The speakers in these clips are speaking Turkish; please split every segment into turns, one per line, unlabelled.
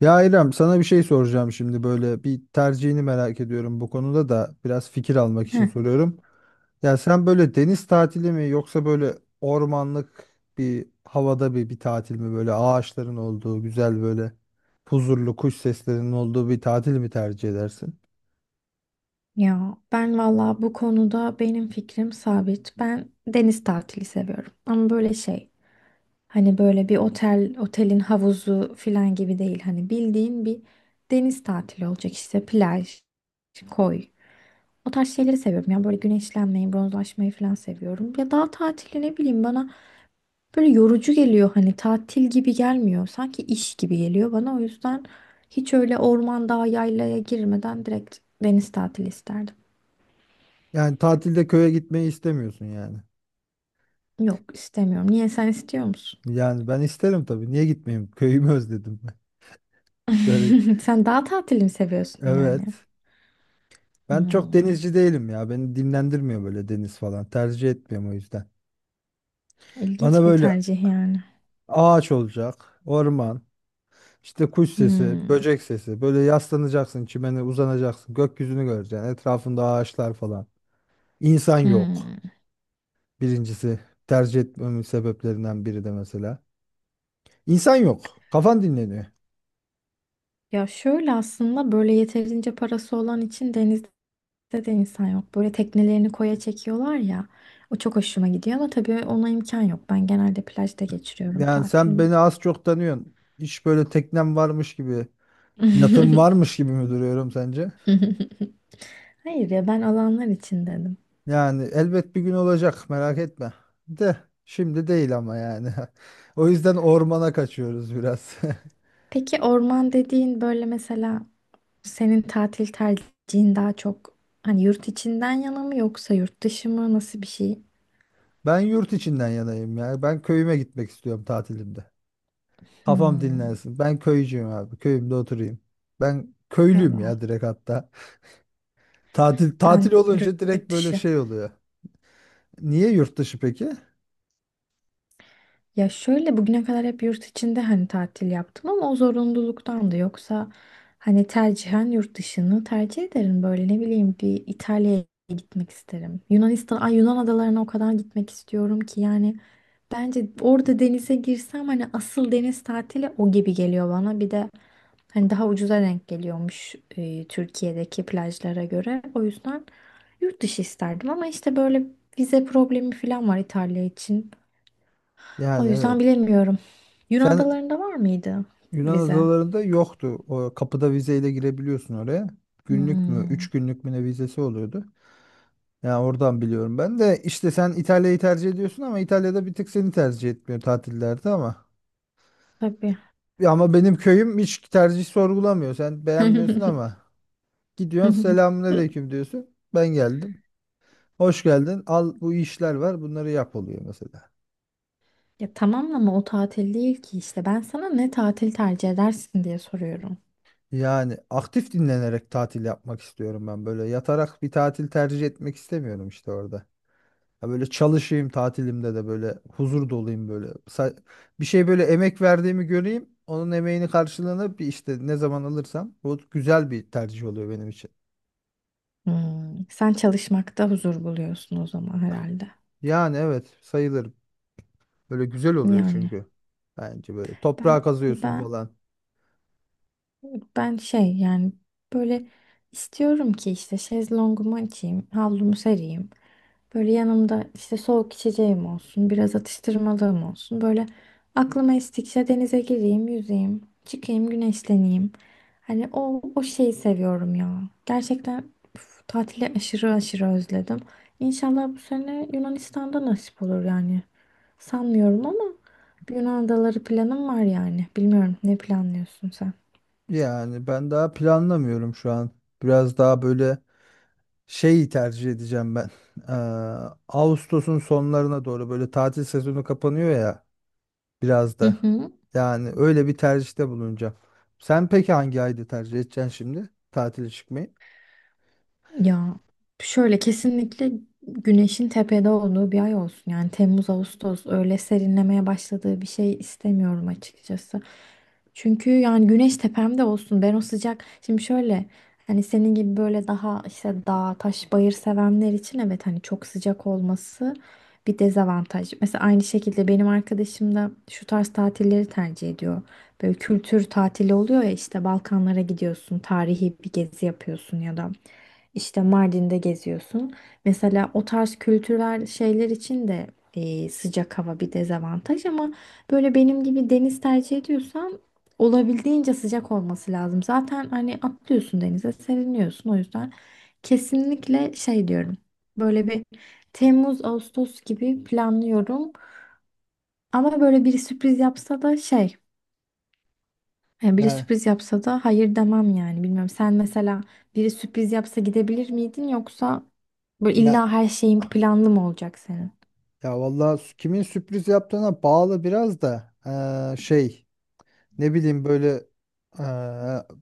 Ya İrem, sana bir şey soracağım şimdi. Böyle bir tercihini merak ediyorum, bu konuda da biraz fikir almak için
Heh,
soruyorum. Ya sen böyle deniz tatili mi, yoksa böyle ormanlık bir havada bir tatil mi, böyle ağaçların olduğu güzel, böyle huzurlu, kuş seslerinin olduğu bir tatil mi tercih edersin?
ya ben valla bu konuda benim fikrim sabit. Ben deniz tatili seviyorum. Ama böyle şey hani böyle bir otelin havuzu filan gibi değil. Hani bildiğin bir deniz tatili olacak işte plaj, koy. O tarz şeyleri seviyorum. Ya böyle güneşlenmeyi, bronzlaşmayı falan seviyorum. Ya dağ tatili ne bileyim bana böyle yorucu geliyor. Hani tatil gibi gelmiyor. Sanki iş gibi geliyor bana. O yüzden hiç öyle orman, dağ, yaylaya girmeden direkt deniz tatili isterdim.
Yani tatilde köye gitmeyi istemiyorsun yani.
Yok istemiyorum. Niye sen istiyor musun?
Yani ben isterim tabii, niye gitmeyeyim, köyümü özledim ben. Şöyle,
Sen dağ tatili mi seviyorsun yani?
evet. Ben çok
Hmm,
denizci değilim ya. Beni dinlendirmiyor böyle deniz falan. Tercih etmiyorum o yüzden. Bana
ilginç bir
böyle
tercih yani.
ağaç olacak, orman, işte kuş sesi,
Hmm,
böcek sesi. Böyle yaslanacaksın, çimene uzanacaksın, gökyüzünü göreceksin. Etrafında ağaçlar falan. İnsan yok.
hmm.
Birincisi, tercih etmemin sebeplerinden biri de mesela. İnsan yok. Kafan dinleniyor.
Ya şöyle aslında böyle yeterince parası olan için denizde de insan yok. Böyle teknelerini koya çekiyorlar ya. O çok hoşuma gidiyor ama tabii ona imkan yok. Ben genelde plajda geçiriyorum
Yani sen beni
tatilimi.
az çok tanıyorsun. Hiç böyle teknem varmış gibi, yatım varmış gibi mi duruyorum sence?
Hayır ya, ben alanlar için dedim.
Yani elbet bir gün olacak, merak etme. De şimdi değil ama yani. O yüzden ormana kaçıyoruz biraz.
Peki orman dediğin böyle mesela, senin tatil tercihin daha çok hani yurt içinden yana mı yoksa yurt dışı mı, nasıl bir şey?
Ben yurt içinden yanayım ya. Ben köyüme gitmek istiyorum tatilimde. Kafam
Hmm.
dinlensin. Ben köycüyüm abi. Köyümde oturayım. Ben köylüyüm
Valla
ya, direkt hatta. Tatil tatil
ben
olunca
yurt
direkt böyle
dışı.
şey oluyor. Niye yurt dışı peki?
Ya şöyle bugüne kadar hep yurt içinde hani tatil yaptım ama o zorunluluktan, da yoksa hani tercihen yurt dışını tercih ederim. Böyle ne bileyim bir İtalya'ya gitmek isterim. Yunanistan, ay Yunan adalarına o kadar gitmek istiyorum ki yani bence orada denize girsem hani asıl deniz tatili o gibi geliyor bana. Bir de hani daha ucuza denk geliyormuş Türkiye'deki plajlara göre. O yüzden yurt dışı isterdim ama işte böyle vize problemi falan var İtalya için. O
Yani evet.
yüzden bilemiyorum. Yunan
Sen
adalarında var mıydı
Yunan
vize?
adalarında yoktu. O kapıda vizeyle girebiliyorsun oraya. Günlük mü,
Hmm,
3 günlük mü, ne vizesi oluyordu? Ya oradan biliyorum ben de, işte sen İtalya'yı tercih ediyorsun ama İtalya'da bir tık seni tercih etmiyor tatillerde ama.
tabii.
Ya ama benim köyüm hiç tercih sorgulamıyor. Sen beğenmiyorsun ama gidiyorsun, selamünaleyküm diyorsun, ben geldim. Hoş geldin. Al, bu işler var. Bunları yap, oluyor mesela.
Ya tamam ama o tatil değil ki işte. Ben sana ne tatil tercih edersin diye soruyorum.
Yani aktif dinlenerek tatil yapmak istiyorum ben böyle. Yatarak bir tatil tercih etmek istemiyorum, işte orada. Ya böyle çalışayım tatilimde de böyle huzur dolayım böyle. Bir şey böyle, emek verdiğimi göreyim. Onun emeğini, karşılığını bir işte ne zaman alırsam, bu güzel bir tercih oluyor benim için.
Hmm, sen çalışmakta huzur buluyorsun o zaman herhalde.
Yani evet, sayılır. Böyle güzel oluyor
Yani
çünkü. Bence böyle toprağa
ben
kazıyorsun
ben
falan.
ben şey yani böyle istiyorum ki işte şezlongumu açayım, havlumu sereyim. Böyle yanımda işte soğuk içeceğim olsun, biraz atıştırmalığım olsun. Böyle aklıma estikçe denize gireyim, yüzeyim, çıkayım, güneşleneyim. Hani o şeyi seviyorum ya. Gerçekten üf, tatili aşırı aşırı özledim. İnşallah bu sene Yunanistan'da nasip olur yani. Sanmıyorum ama bir Yunan adaları planım var yani. Bilmiyorum, ne planlıyorsun sen?
Yani ben daha planlamıyorum şu an. Biraz daha böyle şeyi tercih edeceğim ben. Eee, Ağustos'un sonlarına doğru böyle tatil sezonu kapanıyor ya, biraz
Hı
da.
hı.
Yani öyle bir tercihte bulunacağım. Sen peki hangi ayda tercih edeceksin şimdi tatile çıkmayı?
Ya şöyle kesinlikle güneşin tepede olduğu bir ay olsun. Yani Temmuz, Ağustos öyle serinlemeye başladığı bir şey istemiyorum açıkçası. Çünkü yani güneş tepemde olsun. Ben o sıcak, şimdi şöyle hani senin gibi böyle daha işte dağ, taş, bayır sevenler için evet hani çok sıcak olması bir dezavantaj. Mesela aynı şekilde benim arkadaşım da şu tarz tatilleri tercih ediyor. Böyle kültür tatili oluyor ya, işte Balkanlara gidiyorsun, tarihi bir gezi yapıyorsun ya da işte Mardin'de geziyorsun. Mesela o tarz kültürel şeyler için de sıcak hava bir dezavantaj ama böyle benim gibi deniz tercih ediyorsan olabildiğince sıcak olması lazım. Zaten hani atlıyorsun denize, seriniyorsun. O yüzden kesinlikle şey diyorum. Böyle bir Temmuz, Ağustos gibi planlıyorum. Ama böyle bir sürpriz yapsa da şey, yani biri
Ya,
sürpriz yapsa da hayır demem yani. Bilmiyorum, sen mesela biri sürpriz yapsa gidebilir miydin yoksa böyle
ya,
illa her şeyin planlı mı olacak senin?
ya vallahi, kimin sürpriz yaptığına bağlı biraz da. Şey, ne bileyim böyle, eee,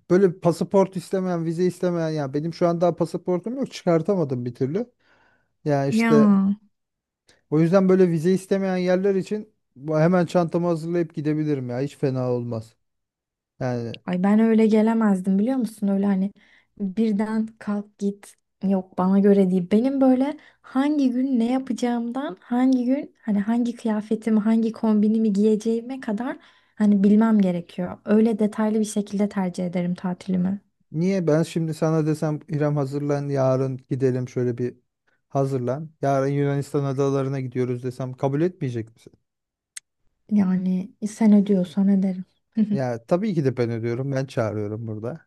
böyle pasaport istemeyen, vize istemeyen. Ya benim şu an daha pasaportum yok, çıkartamadım bir türlü. Ya
Ya,
işte o yüzden böyle vize istemeyen yerler için hemen çantamı hazırlayıp gidebilirim, ya hiç fena olmaz. Yani
ay ben öyle gelemezdim biliyor musun? Öyle hani birden kalk git, yok bana göre değil. Benim böyle hangi gün ne yapacağımdan hangi gün hani hangi kıyafetimi hangi kombinimi giyeceğime kadar hani bilmem gerekiyor. Öyle detaylı bir şekilde tercih ederim tatilimi.
niye ben şimdi sana desem, İrem hazırlan, yarın gidelim, şöyle bir hazırlan. Yarın Yunanistan adalarına gidiyoruz desem kabul etmeyecek misin?
Yani sen ödüyorsan ederim.
Ya tabii ki de ben ödüyorum. Ben çağırıyorum burada.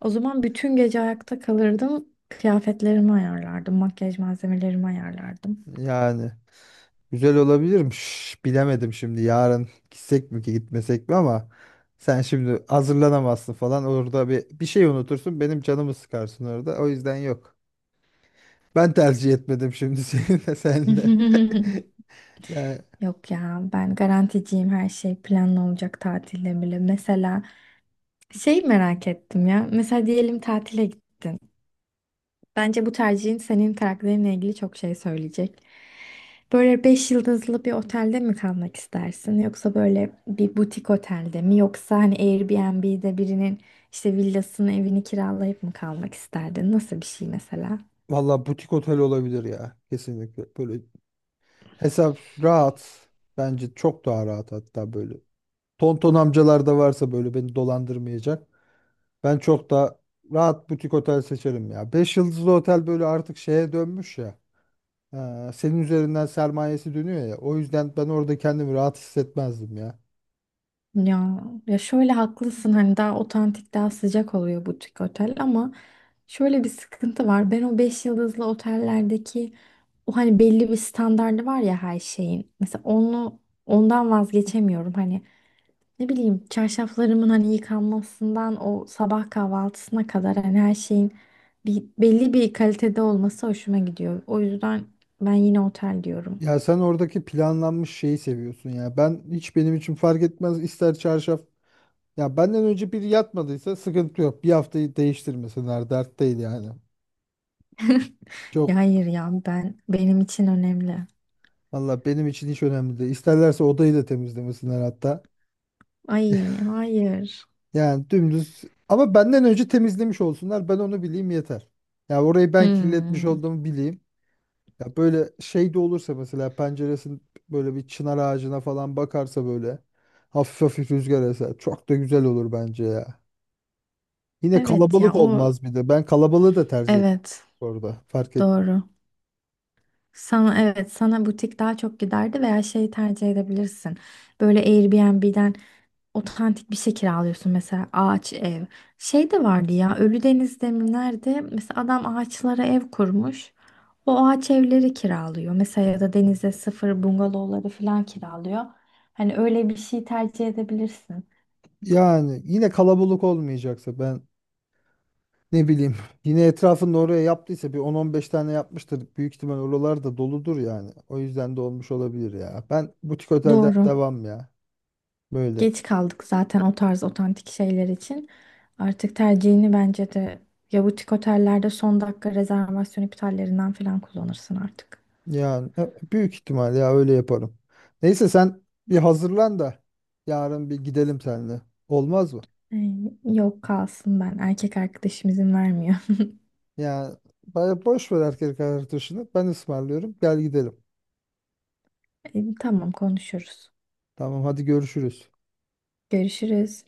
O zaman bütün gece ayakta kalırdım. Kıyafetlerimi ayarlardım, makyaj malzemelerimi ayarlardım.
Yani güzel olabilirmiş. Bilemedim şimdi, yarın gitsek mi ki, gitmesek mi ama sen şimdi hazırlanamazsın falan. Orada bir şey unutursun. Benim canımı sıkarsın orada. O yüzden yok. Ben tercih etmedim şimdi, senle. Yani
Yok ya, ben garanticiyim, her şey planlı olacak tatilde bile. Mesela şey merak ettim ya. Mesela diyelim tatile. Bence bu tercihin senin karakterinle ilgili çok şey söyleyecek. Böyle beş yıldızlı bir otelde mi kalmak istersin? Yoksa böyle bir butik otelde mi? Yoksa hani Airbnb'de birinin işte villasını, evini kiralayıp mı kalmak isterdin? Nasıl bir şey mesela?
valla butik otel olabilir ya. Kesinlikle. Böyle hesap rahat. Bence çok daha rahat hatta böyle. Tonton amcalar da varsa böyle, beni dolandırmayacak. Ben çok daha rahat butik otel seçerim ya. 5 yıldızlı otel böyle artık şeye dönmüş ya. Senin üzerinden sermayesi dönüyor ya. O yüzden ben orada kendimi rahat hissetmezdim ya.
Ya, ya şöyle haklısın, hani daha otantik, daha sıcak oluyor butik otel ama şöyle bir sıkıntı var. Ben o beş yıldızlı otellerdeki o hani belli bir standardı var ya her şeyin. Mesela onu, ondan vazgeçemiyorum. Hani, ne bileyim, çarşaflarımın hani yıkanmasından o sabah kahvaltısına kadar hani her şeyin belli bir kalitede olması hoşuma gidiyor. O yüzden ben yine otel diyorum.
Ya sen oradaki planlanmış şeyi seviyorsun ya. Ben, hiç benim için fark etmez, ister çarşaf. Ya benden önce biri yatmadıysa sıkıntı yok. Bir haftayı değiştirmesinler, dert değil yani.
Ya
Çok.
hayır ya, ben, benim için önemli.
Valla benim için hiç önemli değil. İsterlerse odayı da temizlemesinler hatta.
Ay hayır.
Yani dümdüz, ama benden önce temizlemiş olsunlar, ben onu bileyim yeter. Ya orayı ben kirletmiş
Hmm.
olduğumu bileyim. Ya böyle şey de olursa mesela, penceresin böyle bir çınar ağacına falan bakarsa, böyle hafif hafif rüzgar eser. Çok da güzel olur bence ya. Yine
Evet ya,
kalabalık
o,
olmaz bir de. Ben kalabalığı da tercih ettim
evet,
orada, fark et.
doğru. Sana evet, sana butik daha çok giderdi veya şey tercih edebilirsin. Böyle Airbnb'den otantik bir şey kiralıyorsun, mesela ağaç ev. Şey de vardı ya Ölüdeniz'de mi nerede, mesela adam ağaçlara ev kurmuş. O ağaç evleri kiralıyor. Mesela ya da denize sıfır bungalovları falan kiralıyor. Hani öyle bir şey tercih edebilirsin.
Yani yine kalabalık olmayacaksa ben, ne bileyim. Yine etrafında, oraya yaptıysa bir 10-15 tane yapmıştır. Büyük ihtimal oralar da doludur yani. O yüzden de olmuş olabilir ya. Ben butik otelden
Doğru.
devam ya. Böyle.
Geç kaldık zaten o tarz otantik şeyler için. Artık tercihini bence de, ya butik otellerde son dakika rezervasyon iptallerinden falan kullanırsın artık.
Yani büyük ihtimal ya öyle yaparım. Neyse sen bir hazırlan da, yarın bir gidelim seninle. Olmaz mı?
Ee, Yok kalsın ben. Erkek arkadaşım izin vermiyor.
Yani bana boş ver erkek arkadaşını. Ben ısmarlıyorum. Gel gidelim.
Tamam konuşuruz.
Tamam, hadi görüşürüz.
Görüşürüz.